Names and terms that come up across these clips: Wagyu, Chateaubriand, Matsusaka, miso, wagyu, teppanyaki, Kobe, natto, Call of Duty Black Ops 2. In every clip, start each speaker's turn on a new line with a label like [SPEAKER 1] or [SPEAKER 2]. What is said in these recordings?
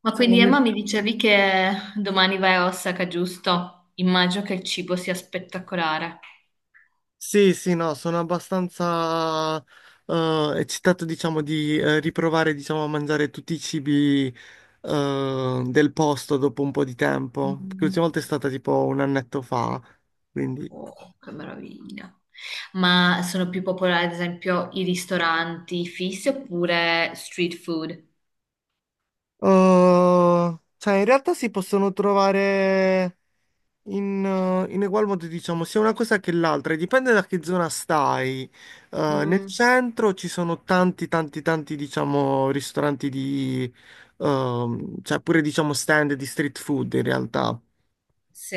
[SPEAKER 1] Ma quindi
[SPEAKER 2] Siamo-
[SPEAKER 1] Emma mi dicevi che domani vai a Osaka, giusto? Immagino che il cibo sia spettacolare.
[SPEAKER 2] Sì, sì, no, sono abbastanza eccitato, diciamo, di riprovare, diciamo, a mangiare tutti i cibi del posto dopo un po' di tempo. Perché
[SPEAKER 1] Mm.
[SPEAKER 2] l'ultima volta è stata tipo un annetto fa, quindi.
[SPEAKER 1] Oh, che meraviglia. Ma sono più popolari, ad esempio, i ristoranti fissi oppure street food?
[SPEAKER 2] Cioè, in realtà si possono trovare in egual modo, diciamo, sia una cosa che l'altra, e dipende da che zona stai. Nel
[SPEAKER 1] Mm,
[SPEAKER 2] centro ci sono tanti, tanti, tanti, diciamo, ristoranti di, cioè pure, diciamo, stand di street food in realtà.
[SPEAKER 1] sì.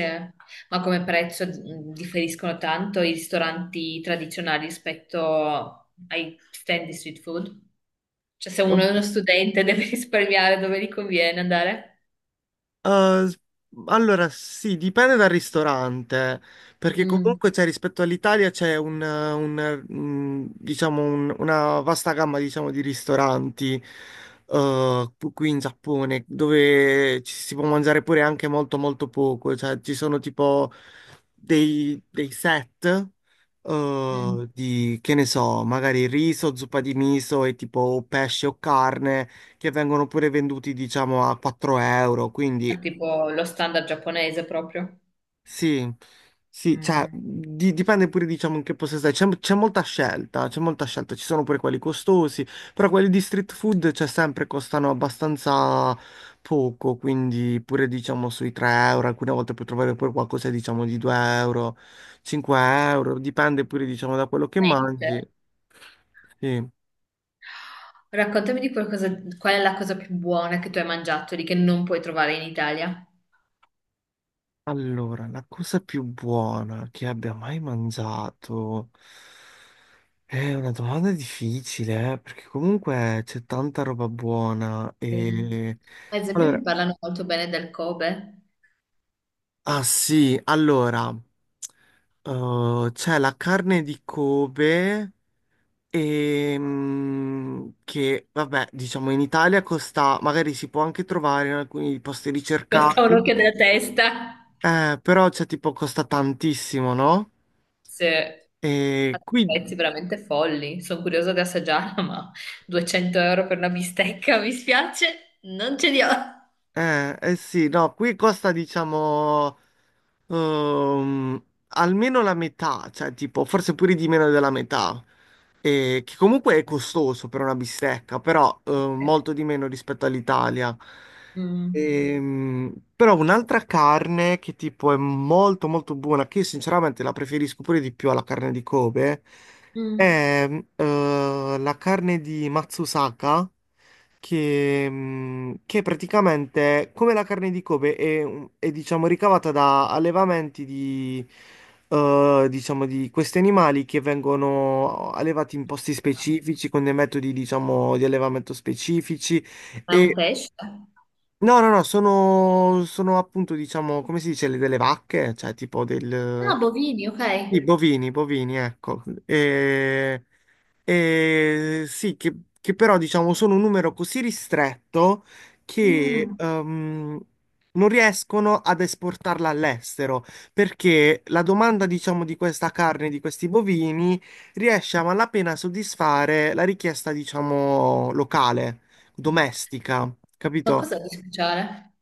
[SPEAKER 1] Ma come prezzo differiscono tanto i ristoranti tradizionali rispetto ai stand di street food? Cioè, se uno è uno studente deve risparmiare dove gli conviene andare?
[SPEAKER 2] Uh, s- allora, sì, dipende dal ristorante, perché
[SPEAKER 1] Mm,
[SPEAKER 2] comunque c'è rispetto all'Italia c'è diciamo una vasta gamma, diciamo, di ristoranti qui in Giappone, dove ci si può mangiare pure anche molto molto poco, cioè ci sono tipo dei set
[SPEAKER 1] mm.
[SPEAKER 2] di, che ne so, magari riso, zuppa di miso e tipo pesce o carne che vengono pure venduti, diciamo, a 4 euro. Quindi
[SPEAKER 1] Ah, tipo lo standard giapponese proprio.
[SPEAKER 2] sì, sì, cioè,
[SPEAKER 1] Mm.
[SPEAKER 2] dipende pure, diciamo, in che posto stai. C'è molta scelta, c'è molta scelta. Ci sono pure quelli costosi, però quelli di street food, cioè, sempre costano abbastanza poco. Quindi pure, diciamo, sui 3 euro. Alcune volte puoi trovare pure qualcosa, diciamo, di 2 euro, 5 euro. Dipende pure, diciamo, da quello che
[SPEAKER 1] Niente.
[SPEAKER 2] mangi. Sì.
[SPEAKER 1] Raccontami di qualcosa, qual è la cosa più buona che tu hai mangiato lì che non puoi trovare in Italia?
[SPEAKER 2] Allora, la cosa più buona che abbia mai mangiato è una domanda difficile, perché comunque c'è tanta roba buona
[SPEAKER 1] Eh,
[SPEAKER 2] e...
[SPEAKER 1] Ad esempio, mi
[SPEAKER 2] Allora,
[SPEAKER 1] parlano molto bene del Kobe.
[SPEAKER 2] ah sì, allora, c'è la carne di Kobe e, che, vabbè, diciamo in Italia costa, magari si può anche trovare in alcuni posti
[SPEAKER 1] Costa un
[SPEAKER 2] ricercati,
[SPEAKER 1] occhio della testa.
[SPEAKER 2] però c'è tipo costa tantissimo, no?
[SPEAKER 1] Se ha
[SPEAKER 2] E
[SPEAKER 1] dei
[SPEAKER 2] qui
[SPEAKER 1] prezzi veramente folli. Sono curiosa di assaggiarla, ma 200 euro per una bistecca, mi spiace, non ce li ho.
[SPEAKER 2] Eh sì, no, qui costa diciamo ehm, almeno la metà, cioè tipo forse pure di meno della metà, che comunque è costoso per una bistecca, però molto di meno rispetto all'Italia.
[SPEAKER 1] Mm.
[SPEAKER 2] Però un'altra carne che tipo è molto molto buona, che io sinceramente la preferisco pure di più alla carne di Kobe,
[SPEAKER 1] Mm.
[SPEAKER 2] è la carne di Matsusaka che praticamente, come la carne di Kobe, è diciamo ricavata da allevamenti di, diciamo, di questi animali che vengono allevati in posti
[SPEAKER 1] Ah,
[SPEAKER 2] specifici, con dei metodi, diciamo, di allevamento specifici.
[SPEAKER 1] è un
[SPEAKER 2] E
[SPEAKER 1] pesce?
[SPEAKER 2] no, no, no, sono, sono appunto, diciamo, come si dice, delle vacche, cioè tipo del.
[SPEAKER 1] Ah, bovini, ok.
[SPEAKER 2] I bovini, bovini, ecco. E, sì, che però diciamo sono un numero così ristretto che
[SPEAKER 1] Mm.
[SPEAKER 2] non riescono ad esportarla all'estero perché la domanda, diciamo, di questa carne, di questi bovini, riesce a malapena a soddisfare la richiesta, diciamo, locale, domestica,
[SPEAKER 1] Ma
[SPEAKER 2] capito?
[SPEAKER 1] cosa di speciale?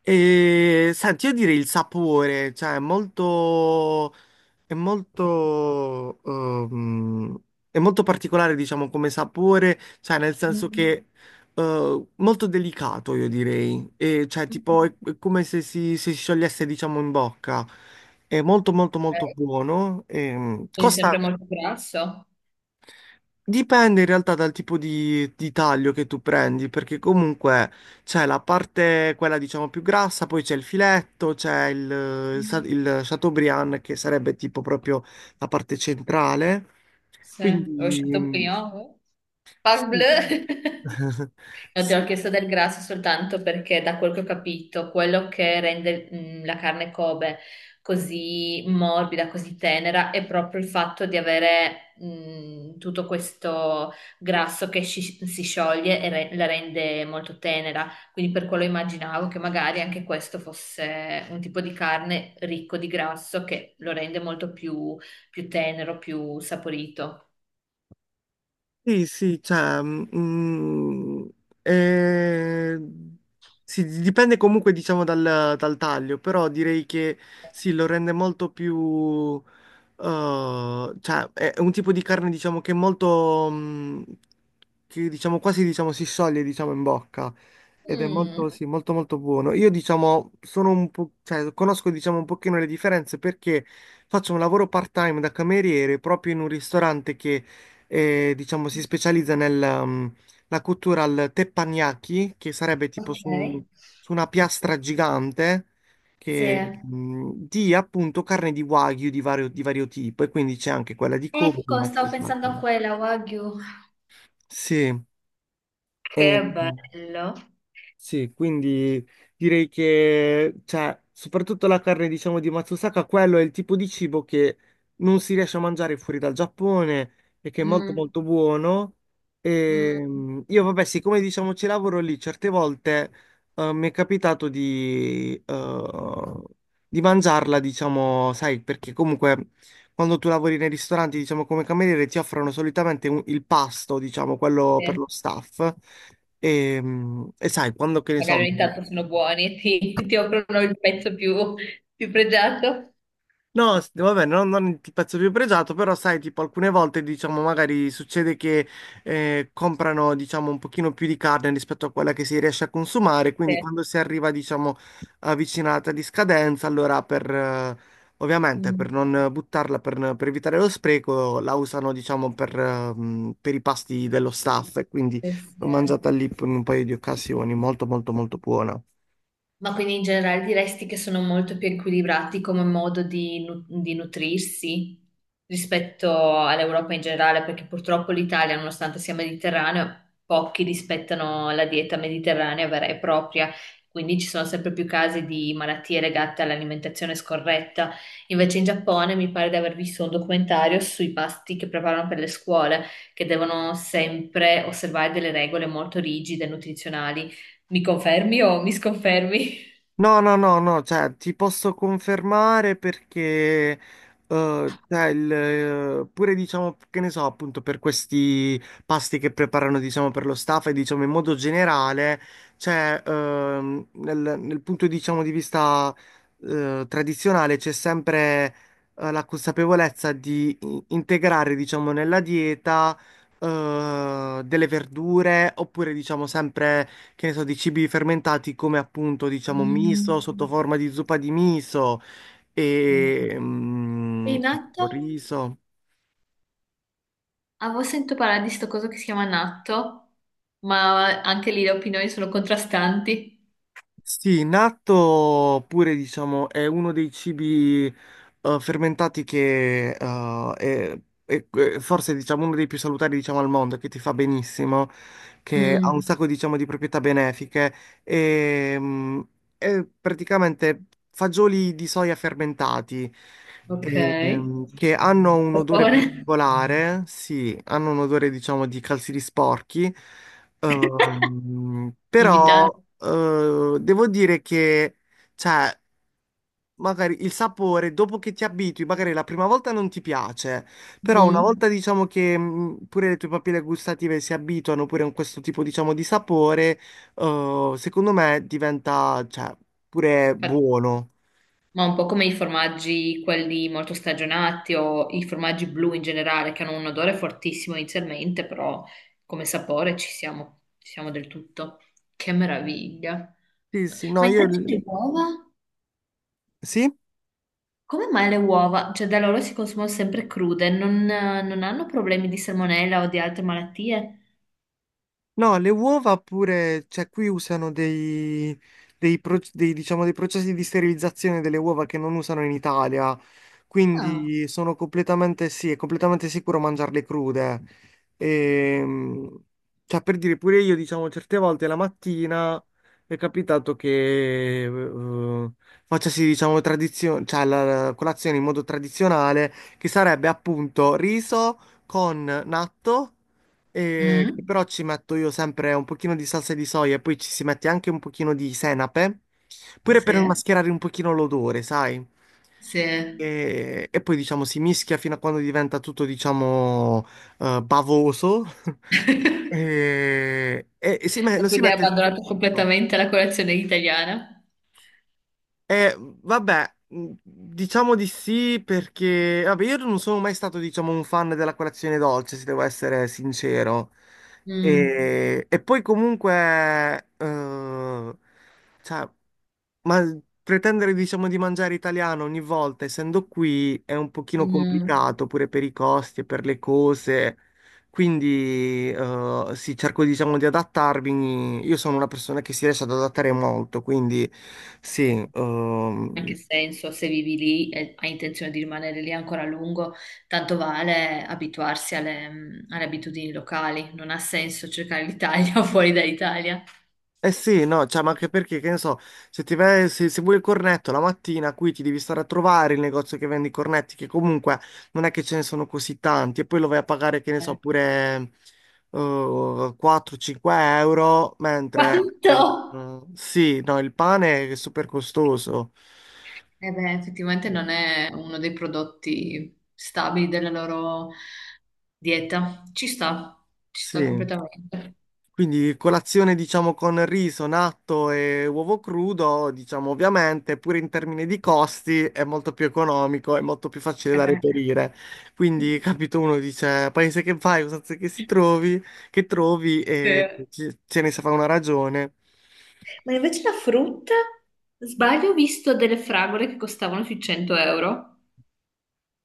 [SPEAKER 2] E senti, io direi il sapore, cioè è molto, è molto, è molto particolare, diciamo, come sapore, cioè nel senso
[SPEAKER 1] Mm.
[SPEAKER 2] che molto delicato, io direi, e, cioè
[SPEAKER 1] Ok.
[SPEAKER 2] tipo è come se si sciogliesse, diciamo, in bocca, è molto molto molto buono,
[SPEAKER 1] Quindi
[SPEAKER 2] costa
[SPEAKER 1] sempre molto grasso.
[SPEAKER 2] Dipende in realtà dal tipo di taglio che tu prendi, perché comunque c'è la parte, quella diciamo più grassa, poi c'è il filetto, c'è il, eh, sa-
[SPEAKER 1] Mm.
[SPEAKER 2] il Chateaubriand che sarebbe tipo proprio la parte centrale.
[SPEAKER 1] Sì, ho
[SPEAKER 2] Quindi
[SPEAKER 1] scelto Pignolo.
[SPEAKER 2] sì.
[SPEAKER 1] Parbleu! No, ti ho
[SPEAKER 2] Sì,
[SPEAKER 1] chiesto del grasso soltanto perché da quel che ho capito, quello che rende la carne Kobe così morbida, così tenera, è proprio il fatto di avere tutto questo grasso che si scioglie e la rende molto tenera. Quindi per quello immaginavo che magari anche questo fosse un tipo di carne ricco di grasso che lo rende molto più, più tenero, più saporito.
[SPEAKER 2] Sì, sì, cioè, eh, sì, dipende comunque diciamo dal taglio, però direi che sì, lo rende molto più, cioè è un tipo di carne diciamo che è molto, che diciamo quasi diciamo si scioglie diciamo in bocca ed è
[SPEAKER 1] Mm,
[SPEAKER 2] molto, sì, molto molto buono. Io diciamo sono un po', cioè conosco diciamo un pochino le differenze perché faccio un lavoro part-time da cameriere proprio in un ristorante che e diciamo si specializza nella cottura al teppanyaki, che sarebbe tipo su,
[SPEAKER 1] ok.
[SPEAKER 2] una piastra gigante
[SPEAKER 1] Sì.
[SPEAKER 2] che, di appunto carne di wagyu di vario, tipo e quindi c'è anche quella di Kobe,
[SPEAKER 1] Ecco,
[SPEAKER 2] ma si
[SPEAKER 1] stavo pensando a
[SPEAKER 2] staccano.
[SPEAKER 1] quella, Wagyu.
[SPEAKER 2] Sì.
[SPEAKER 1] Che
[SPEAKER 2] E-
[SPEAKER 1] bello.
[SPEAKER 2] Sì, quindi direi che, cioè, soprattutto la carne, diciamo, di Matsusaka, quello è il tipo di cibo che non si riesce a mangiare fuori dal Giappone e che è molto
[SPEAKER 1] Mm,
[SPEAKER 2] molto buono. E,
[SPEAKER 1] mm.
[SPEAKER 2] io, vabbè, siccome diciamo ci lavoro lì, certe volte mi è capitato di, di mangiarla, diciamo, sai, perché comunque quando tu lavori nei ristoranti, diciamo, come cameriere, ti offrono solitamente il pasto, diciamo, quello per
[SPEAKER 1] Sì,
[SPEAKER 2] lo staff. E sai, quando che ne so,
[SPEAKER 1] magari ogni tanto sono buoni, ti offrono il pezzo più, più pregiato.
[SPEAKER 2] no, vabbè, non il pezzo più pregiato, però sai, tipo alcune volte, diciamo, magari succede che comprano, diciamo, un pochino più di carne rispetto a quella che si riesce a consumare, quindi
[SPEAKER 1] Sì.
[SPEAKER 2] quando si arriva, diciamo, avvicinata di scadenza, allora per, ovviamente,
[SPEAKER 1] Mm.
[SPEAKER 2] per non buttarla, per, evitare lo spreco, la usano, diciamo, per i pasti dello staff e quindi
[SPEAKER 1] Sì,
[SPEAKER 2] l'ho
[SPEAKER 1] sì.
[SPEAKER 2] mangiata lì in un paio di occasioni, molto, molto, molto buona.
[SPEAKER 1] Ma quindi in generale diresti che sono molto più equilibrati come modo di, di nutrirsi rispetto all'Europa in generale, perché purtroppo l'Italia, nonostante sia mediterraneo, pochi rispettano la dieta mediterranea vera e propria, quindi ci sono sempre più casi di malattie legate all'alimentazione scorretta. Invece in Giappone mi pare di aver visto un documentario sui pasti che preparano per le scuole, che devono sempre osservare delle regole molto rigide nutrizionali. Mi confermi o mi sconfermi?
[SPEAKER 2] No, no, no, no, cioè ti posso confermare perché cioè, pure diciamo che ne so, appunto per questi pasti che preparano diciamo per lo staff e diciamo in modo generale, cioè nel, punto diciamo di vista tradizionale c'è sempre la consapevolezza di integrare diciamo nella dieta delle verdure oppure diciamo sempre che ne so, di cibi fermentati come appunto, diciamo,
[SPEAKER 1] Mm.
[SPEAKER 2] miso sotto forma di zuppa di miso
[SPEAKER 1] Eh.
[SPEAKER 2] e
[SPEAKER 1] E il natto?
[SPEAKER 2] riso.
[SPEAKER 1] Avevo sentito parlare di sto coso che si chiama natto, ma anche lì le opinioni sono contrastanti.
[SPEAKER 2] Sì, natto pure diciamo è uno dei cibi fermentati che è forse diciamo uno dei più salutari diciamo al mondo, che ti fa benissimo, che ha un
[SPEAKER 1] Mm,
[SPEAKER 2] sacco diciamo di proprietà benefiche e, è praticamente fagioli di soia fermentati e,
[SPEAKER 1] ok.
[SPEAKER 2] che hanno un
[SPEAKER 1] Per
[SPEAKER 2] odore
[SPEAKER 1] favore.
[SPEAKER 2] particolare, sì, hanno un odore diciamo di calzini sporchi.
[SPEAKER 1] Invitante.
[SPEAKER 2] Però devo dire che, cioè, magari il sapore, dopo che ti abitui, magari la prima volta non ti piace, però una
[SPEAKER 1] Mm.
[SPEAKER 2] volta diciamo che pure le tue papille gustative si abituano pure a questo tipo, diciamo, di sapore, secondo me diventa, cioè, pure buono.
[SPEAKER 1] Ma un po' come i formaggi, quelli molto stagionati o i formaggi blu in generale, che hanno un odore fortissimo inizialmente, però come sapore ci siamo del tutto. Che meraviglia.
[SPEAKER 2] Sì, sì, no,
[SPEAKER 1] Ma
[SPEAKER 2] io.
[SPEAKER 1] invece le uova?
[SPEAKER 2] Sì?
[SPEAKER 1] Come mai le uova? Cioè, da loro si consumano sempre crude, non hanno problemi di salmonella o di altre malattie?
[SPEAKER 2] No, le uova pure, cioè qui usano dei, diciamo, dei processi di sterilizzazione delle uova che non usano in Italia,
[SPEAKER 1] Ah,
[SPEAKER 2] quindi sono completamente, sì, è completamente sicuro mangiarle crude. Ehm, cioè, per dire, pure io, diciamo, certe volte la mattina è capitato che facessi, diciamo, cioè, la colazione in modo tradizionale, che sarebbe appunto riso con natto che
[SPEAKER 1] mm,
[SPEAKER 2] però ci metto io sempre un pochino di salsa di soia e poi ci si mette anche un pochino di senape, pure
[SPEAKER 1] sì,
[SPEAKER 2] per mascherare un pochino l'odore, sai?
[SPEAKER 1] sì.
[SPEAKER 2] E poi diciamo si mischia fino a quando diventa tutto diciamo bavoso e, e
[SPEAKER 1] Ma
[SPEAKER 2] lo si
[SPEAKER 1] quindi hai
[SPEAKER 2] mette.
[SPEAKER 1] abbandonato completamente la colazione italiana?
[SPEAKER 2] Vabbè, diciamo di sì perché, vabbè, io non sono mai stato, diciamo, un fan della colazione dolce, se devo essere sincero.
[SPEAKER 1] Mm,
[SPEAKER 2] E poi comunque, eh, cioè, ma pretendere, diciamo, di mangiare italiano ogni volta, essendo qui, è un pochino
[SPEAKER 1] mm.
[SPEAKER 2] complicato pure per i costi e per le cose. Quindi, sì, cerco, diciamo, di adattarmi. Io sono una persona che si riesce ad adattare molto, quindi
[SPEAKER 1] Sì.
[SPEAKER 2] sì.
[SPEAKER 1] Anche se, insomma, se vivi lì e hai intenzione di rimanere lì ancora a lungo, tanto vale abituarsi alle, alle abitudini locali. Non ha senso cercare l'Italia fuori dall'Italia.
[SPEAKER 2] Eh sì, no, cioè, ma anche perché, che ne so, se, ti vai- se, se vuoi il cornetto la mattina, qui ti devi stare a trovare il negozio che vende i cornetti, che comunque non è che ce ne sono così tanti, e poi lo vai a pagare, che ne so,
[SPEAKER 1] Eh,
[SPEAKER 2] pure 4-5 euro, mentre
[SPEAKER 1] Quanto?
[SPEAKER 2] sì, no, il pane è super costoso.
[SPEAKER 1] Eh beh, effettivamente non è uno dei prodotti stabili della loro dieta. Ci
[SPEAKER 2] Sì.
[SPEAKER 1] sta completamente.
[SPEAKER 2] Quindi colazione diciamo con riso, natto e uovo crudo, diciamo ovviamente, pure in termini di costi è molto più economico, è molto più facile
[SPEAKER 1] Eh
[SPEAKER 2] da
[SPEAKER 1] beh.
[SPEAKER 2] reperire. Quindi, capito, uno dice paese che vai, usanze che si trovi, che trovi e
[SPEAKER 1] Eh.
[SPEAKER 2] ce ne si fa una ragione.
[SPEAKER 1] Ma invece la frutta, sbaglio, ho visto delle fragole che costavano sui 100 euro.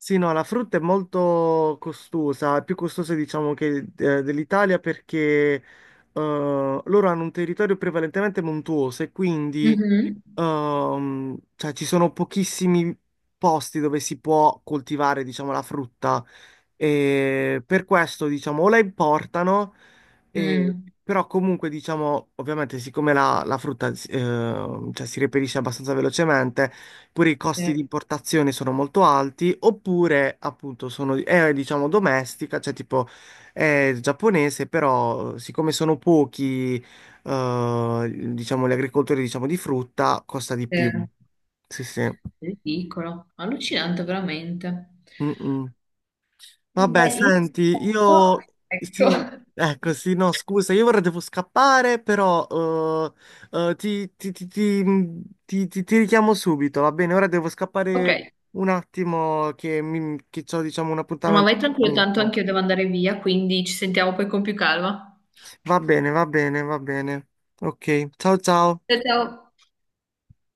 [SPEAKER 2] Sì, no, la frutta è molto costosa, è più costosa diciamo che dell'Italia perché eh, loro hanno un territorio prevalentemente montuoso e quindi
[SPEAKER 1] Mhm.
[SPEAKER 2] cioè, ci sono pochissimi posti dove si può coltivare diciamo la frutta e per questo diciamo o la importano e-
[SPEAKER 1] Mm.
[SPEAKER 2] però comunque diciamo ovviamente siccome la, la frutta cioè, si reperisce abbastanza velocemente oppure i costi
[SPEAKER 1] Sì,
[SPEAKER 2] di importazione sono molto alti, oppure appunto sono, è diciamo domestica, cioè tipo è giapponese, però siccome sono pochi, diciamo gli agricoltori diciamo di frutta, costa di
[SPEAKER 1] sì.
[SPEAKER 2] più. Sì, sì.
[SPEAKER 1] Ridicolo, allucinante veramente.
[SPEAKER 2] Mm, mm. Vabbè,
[SPEAKER 1] Vabbè, io
[SPEAKER 2] senti,
[SPEAKER 1] aspetto.
[SPEAKER 2] io sì,
[SPEAKER 1] Ecco.
[SPEAKER 2] ecco, sì, no, scusa, io ora devo scappare, però ti richiamo subito, va bene? Ora devo
[SPEAKER 1] Ok,
[SPEAKER 2] scappare un attimo che, mi, che ho, diciamo, un
[SPEAKER 1] no, ma
[SPEAKER 2] appuntamento
[SPEAKER 1] vai
[SPEAKER 2] con
[SPEAKER 1] tranquillo,
[SPEAKER 2] un
[SPEAKER 1] tanto
[SPEAKER 2] amico.
[SPEAKER 1] anche io devo andare via, quindi ci sentiamo poi con più calma.
[SPEAKER 2] Va bene, va bene, va bene. Ok, ciao ciao.
[SPEAKER 1] Ciao, ciao.